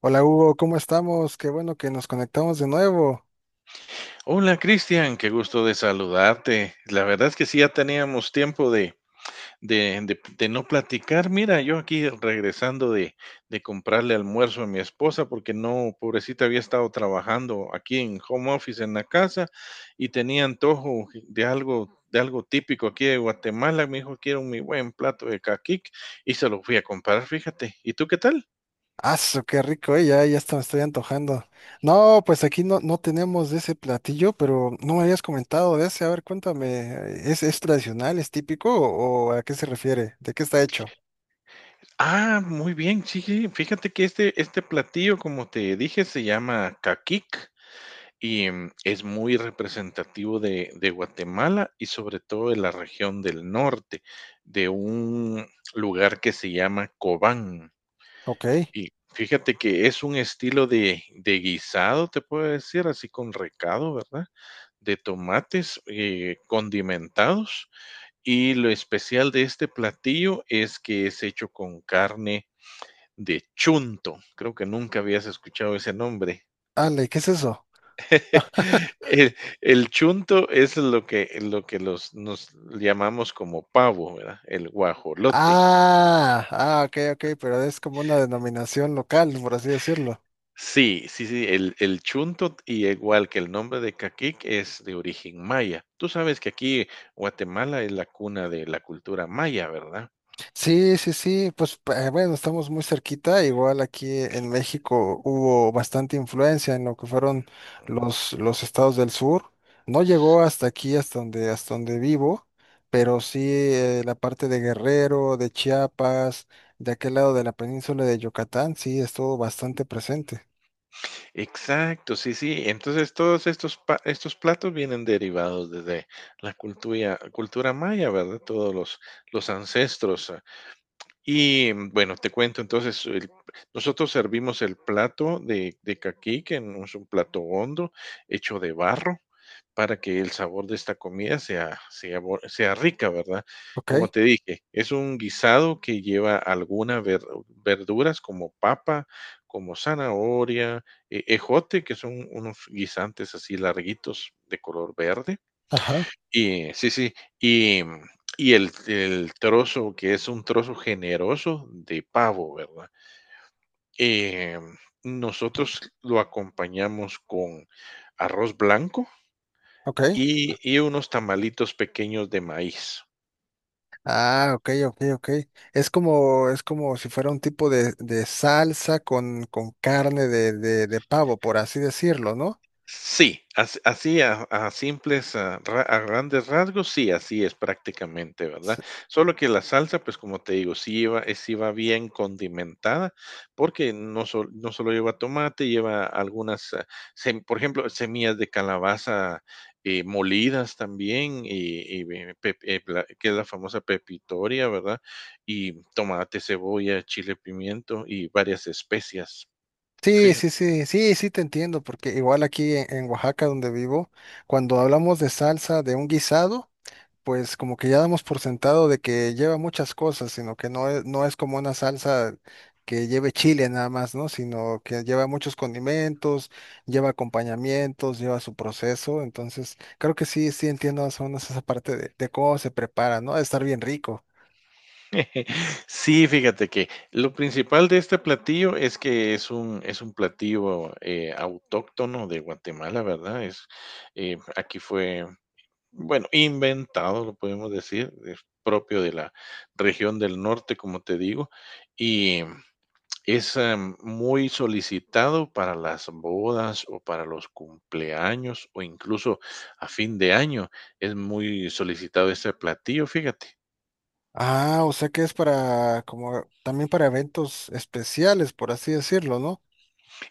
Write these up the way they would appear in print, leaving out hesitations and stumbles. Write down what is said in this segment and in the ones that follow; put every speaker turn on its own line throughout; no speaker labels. Hola Hugo, ¿cómo estamos? Qué bueno que nos conectamos de nuevo.
Hola Cristian, qué gusto de saludarte. La verdad es que sí, ya teníamos tiempo de, de no platicar. Mira, yo aquí regresando de comprarle almuerzo a mi esposa porque no, pobrecita, había estado trabajando aquí en home office en la casa y tenía antojo de algo típico aquí de Guatemala. Me dijo, quiero mi buen plato de caquic y se lo fui a comprar, fíjate. ¿Y tú qué tal?
¡Aso, qué rico, Ya, hasta me estoy antojando. No, pues aquí no tenemos de ese platillo, pero no me habías comentado de ese. A ver, cuéntame, ¿ es tradicional, es típico o ¿a qué se refiere? ¿De qué está hecho?
Ah, muy bien, sí, sí, fíjate que este platillo, como te dije, se llama caquic. Es muy representativo de Guatemala y sobre todo de la región del norte, de un lugar que se llama Cobán.
Ok.
Y fíjate que es un estilo de guisado, te puedo decir, así con recado, ¿verdad? De tomates condimentados. Y lo especial de este platillo es que es hecho con carne de chunto. Creo que nunca habías escuchado ese nombre.
Ale, ¿qué es eso?
El chunto es lo que los nos llamamos como pavo, ¿verdad? El guajolote.
Ah, ok, ok, pero es como una denominación local, por así decirlo.
Sí, sí, sí, el chunto, y igual que el nombre de caquic, es de origen maya. Tú sabes que aquí Guatemala es la cuna de la cultura maya, ¿verdad?
Sí, sí, sí, pues bueno, estamos muy cerquita, igual aquí en México hubo bastante influencia en lo que fueron los estados del sur, no llegó hasta aquí, hasta hasta donde vivo, pero sí, la parte de Guerrero, de Chiapas, de aquel lado de la península de Yucatán, sí estuvo bastante presente.
Exacto, sí, sí. Entonces, todos estos platos vienen derivados desde la cultura maya, ¿verdad? Todos los ancestros. Y bueno, te cuento entonces, nosotros servimos el plato de caqui, que no es un plato hondo, hecho de barro, para que el sabor de esta comida sea, sea rica, ¿verdad?
¿Ok?
Como te dije, es un guisado que lleva algunas verduras como papa, como zanahoria, ejote, que son unos guisantes así larguitos de color verde
Ajá,
y sí, sí, y y el trozo, que es un trozo generoso de pavo, ¿verdad? Em, Nosotros lo acompañamos con arroz blanco
ok.
y unos tamalitos pequeños de maíz.
Ah, ok, ok, ok. Es como si fuera un tipo de salsa con carne de pavo, por así decirlo, ¿no?
Sí, así a simples, a grandes rasgos, sí, así es prácticamente, ¿verdad?
S-
Solo que la salsa, pues como te digo, sí lleva, sí va bien condimentada, porque no, no solo lleva tomate, lleva algunas, por ejemplo, semillas de calabaza molidas también, y, que es la famosa pepitoria, ¿verdad? Y tomate, cebolla, chile, pimiento y varias especias,
Sí,
fíjate.
sí, sí, sí, sí te entiendo, porque igual aquí en Oaxaca donde vivo, cuando hablamos de salsa de un guisado, pues como que ya damos por sentado de que lleva muchas cosas, sino que no es como una salsa que lleve chile nada más, ¿no? Sino que lleva muchos condimentos, lleva acompañamientos, lleva su proceso. Entonces, creo que sí, sí entiendo más o menos esa parte de cómo se prepara, ¿no? De estar bien rico.
Sí, fíjate que lo principal de este platillo es que es un platillo autóctono de Guatemala, ¿verdad? Eh, aquí fue, bueno, inventado, lo podemos decir, es propio de la región del norte, como te digo, y es muy solicitado para las bodas o para los cumpleaños o incluso a fin de año. Es muy solicitado este platillo, fíjate.
Ah, o sea que es para, como, también para eventos especiales, por así decirlo, ¿no?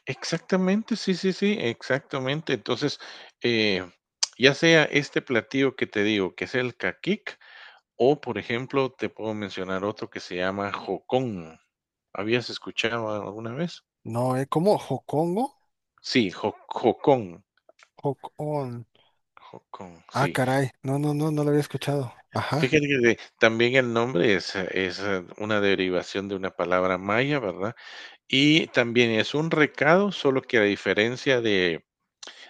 Exactamente, sí, sí, sí, exactamente. Entonces, eh, ya sea este platillo que te digo, que es el caquic, o por ejemplo, te puedo mencionar otro que se llama jocón. ¿Habías escuchado alguna vez?
No, ¿eh? ¿Cómo? ¿Jocongo?
Sí, jocón,
Jocón.
jocón,
Ah,
sí.
caray. No, no lo había escuchado. Ajá.
Fíjate que también el nombre es, una derivación de una palabra maya, ¿verdad? Y también es un recado, solo que a diferencia de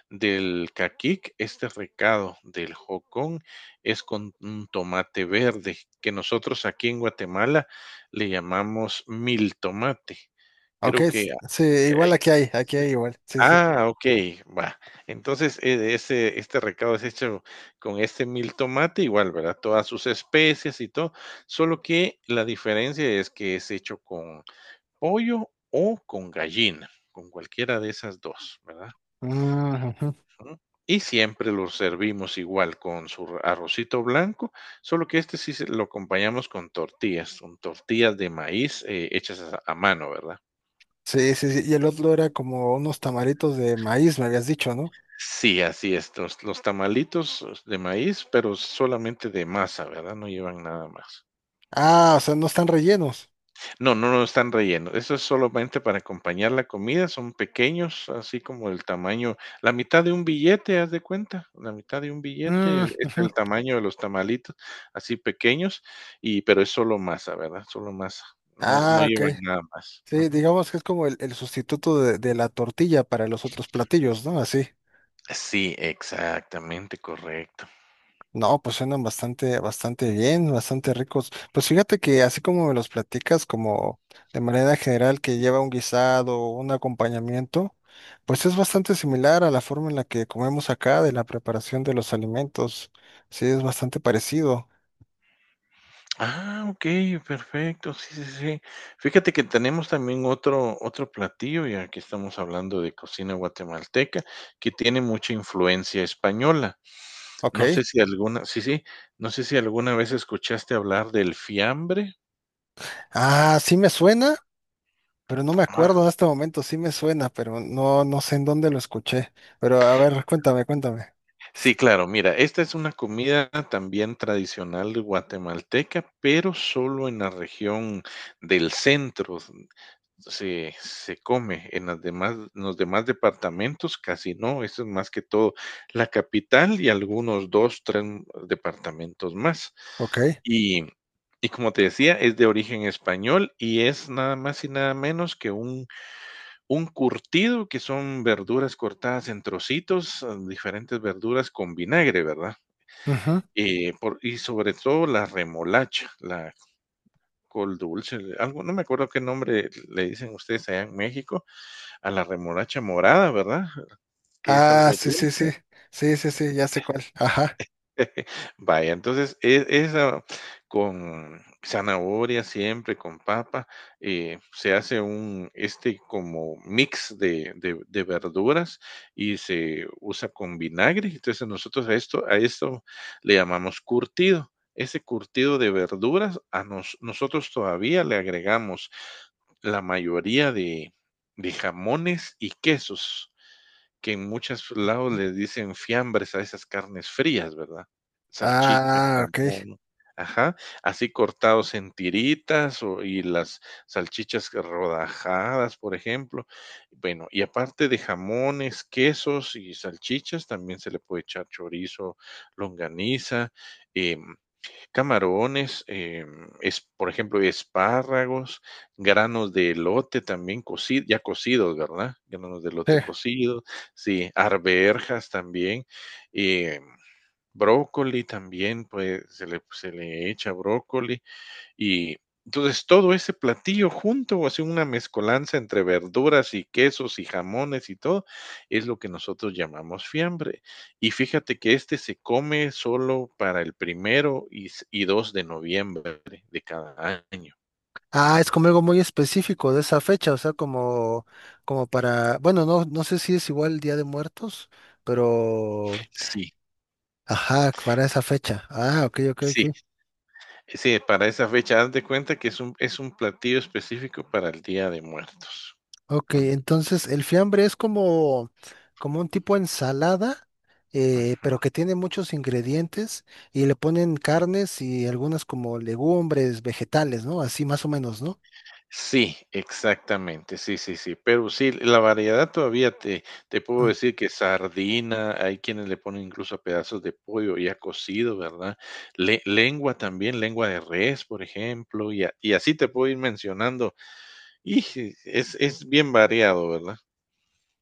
del caquic, este recado del jocón es con un tomate verde, que nosotros aquí en Guatemala le llamamos mil tomate.
Ok,
Creo que
sí, igual aquí hay igual. Sí, sí.
okey, va. Entonces, ese este recado es hecho con este mil tomate igual, ¿verdad? Todas sus especies y todo, solo que la diferencia es que es hecho con pollo o con gallina, con cualquiera de esas 2, ¿verdad?
Mm, ujú.
Ujú. Y siempre lo servimos igual con su arrocito blanco, solo que este sí lo acompañamos con tortillas, son tortillas de maíz hechas a mano, ¿verdad?
Sí, sí, sí. Y el otro era como unos tamaritos de maíz, me habías dicho, ¿no?
Sí, así es, los tamalitos de maíz, pero solamente de masa, ¿verdad? No llevan nada más.
Ah, o sea, no están rellenos.
No, no, no están rellenos. Eso es solamente para acompañar la comida. Son pequeños, así como el tamaño, la mitad de un billete, haz de cuenta. La mitad de un
Mm,
billete es
ujú.
el tamaño de los tamalitos, así pequeños, y pero es solo masa, ¿verdad? Solo masa. No, no
Ah, ok.
llevan nada más.
Sí,
Ujú.
digamos que es como el sustituto de la tortilla para los otros platillos, ¿no? Así.
Sí, exactamente, correcto.
No, pues suenan bastante, bastante bien, bastante ricos. Pues fíjate que así como me los platicas, como de manera general que lleva un guisado, un acompañamiento, pues es bastante similar a la forma en la que comemos acá de la preparación de los alimentos. Sí, es bastante parecido.
Ah, okey, perfecto. Sí, sí, sí. Fíjate que tenemos también otro platillo, ya que estamos hablando de cocina guatemalteca, que tiene mucha influencia española.
Ok.
No sé si alguna sí, sí, no sé si alguna vez escuchaste hablar del fiambre.
Ah, sí me suena, pero no me
Ah,
acuerdo en este momento. Sí me suena, pero no, no sé en dónde lo escuché. Pero a ver, cuéntame, cuéntame.
sí, claro, mira, esta es una comida también tradicional guatemalteca, pero solo en la región del centro. Se come en las demás, en los demás departamentos, casi no, eso es más que todo la capital y algunos dos, tres departamentos más.
Ok.
Y, y como te decía, es de origen español y es nada más y nada menos que un curtido, que son verduras cortadas en trocitos, diferentes verduras con vinagre, ¿verdad?
Ujú.
Y sobre todo la remolacha, la col dulce, algo, no me acuerdo qué nombre le dicen ustedes allá en México, a la remolacha morada, ¿verdad? Que es algo
Ah, sí, sí, sí.
dulce.
Sí, sí, sí, ya sé cuál. Ajá.
Vaya, entonces, esa con zanahoria siempre, con papa, se hace un, este, como mix de de verduras y se usa con vinagre. Entonces, nosotros a esto le llamamos curtido. Ese curtido de verduras a nosotros todavía le agregamos la mayoría de jamones y quesos, que en muchos lados le dicen fiambres a esas carnes frías, ¿verdad? Salchicha,
Ah, ok.
jamón, ajá, así cortados en tiritas o y las salchichas que rodajadas, por ejemplo. Bueno, y aparte de jamones, quesos y salchichas, también se le puede echar chorizo, longaniza, em, camarones, por ejemplo, espárragos, granos de elote también cocido, ya cocidos, ¿verdad? Granos de
Sí.
elote cocidos, sí, arvejas también, em, brócoli también, pues se le echa brócoli, y entonces todo ese platillo junto, hace una mezcolanza entre verduras y quesos y jamones y todo, es lo que nosotros llamamos fiambre. Y fíjate que este se come solo para el primero y, y 2 de noviembre de cada año.
Ah, es como algo muy específico de esa fecha, o sea, como, como para, bueno, no, no sé si es igual Día de Muertos, pero,
Sí,
ajá, para esa fecha. Ah, ok, ok,
sí,
ok.
sí, para esa fecha, haz de cuenta que es un platillo específico para el Día de Muertos.
Ok,
Ujú,
entonces el fiambre es como, como un tipo ensalada,
ujú.
pero que tiene muchos ingredientes y le ponen carnes y algunas como legumbres, vegetales, ¿no? Así más o menos, ¿no?
Sí, exactamente, sí, sí, sí, pero sí, la variedad todavía te puedo decir que sardina, hay quienes le ponen incluso a pedazos de pollo ya cocido, ¿verdad? Le lengua también, lengua de res, por ejemplo, y así te puedo ir mencionando, y sí, es bien variado, ¿verdad?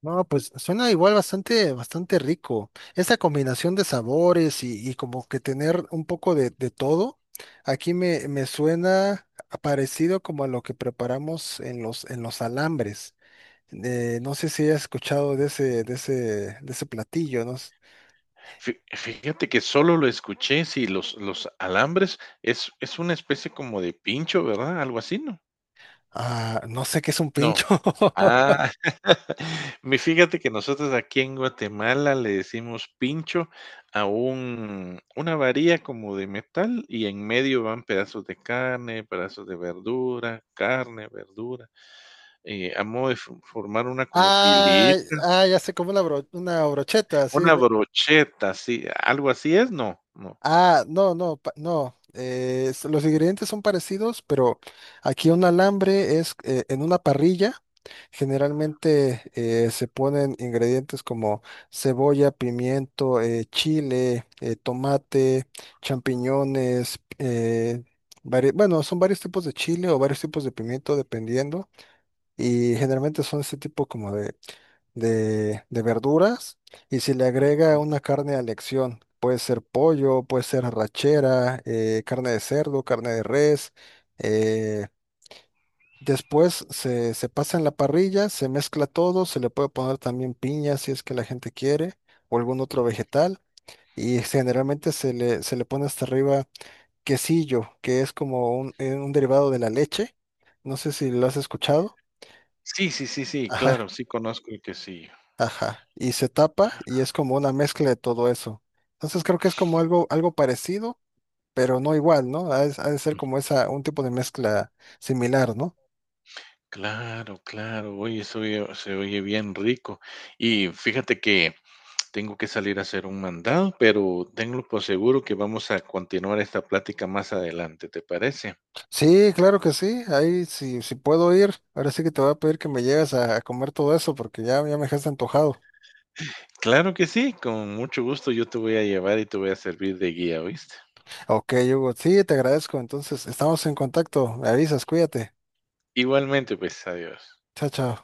No, pues suena igual bastante, bastante rico. Esta combinación de sabores y como que tener un poco de todo, aquí me suena parecido como a lo que preparamos en en los alambres. No sé si has escuchado de de ese platillo, no,
Fi fíjate que solo lo escuché, sí, los alambres es una especie como de pincho, ¿verdad? Algo así, ¿no?
ah, no sé qué es un
No.
pincho.
Ah, mi fíjate que nosotros aquí en Guatemala le decimos pincho a un una varilla como de metal y en medio van pedazos de carne, pedazos de verdura, carne, verdura, a modo de fo formar una como fili
Ah, ah, ya sé, como una, una brocheta, así.
una brocheta, sí, ¿algo así es? No, no.
Ah, no, no, no. Los ingredientes son parecidos, pero aquí un alambre es, en una parrilla. Generalmente, se ponen ingredientes como cebolla, pimiento, chile, tomate, champiñones. Bueno, son varios tipos de chile o varios tipos de pimiento, dependiendo, y generalmente son ese tipo como de verduras y si le agrega una carne a elección. Puede ser pollo, puede ser arrachera, carne de cerdo, carne de res. eh, Después se pasa en la parrilla, se mezcla todo, se le puede poner también piña si es que la gente quiere o algún otro vegetal, y generalmente se le pone hasta arriba quesillo, que es como un derivado de la leche. No sé si lo has escuchado.
Sí, sí, sí, sí,
Ajá.
claro, sí conozco el quesillo.
Ajá, y se tapa y es como una mezcla de todo eso. Entonces creo que es como algo, algo parecido, pero no igual, ¿no? Ha de ser como esa, un tipo de mezcla similar, ¿no?
Claro, claro, oye, eso oye se oye bien rico. Y fíjate que tengo que salir a hacer un mandado, pero tenlo por seguro que vamos a continuar esta plática más adelante, ¿te parece?
Sí, claro que sí, ahí sí, sí puedo ir. Ahora sí que te voy a pedir que me lleves a comer todo eso porque ya, ya me dejaste antojado.
Claro que sí, con mucho gusto yo te voy a llevar y te voy a servir de guía, ¿oíste?
Ok, Hugo, sí, te agradezco. Entonces, estamos en contacto. Me avisas, cuídate.
Igualmente, pues, adiós.
Chao, chao.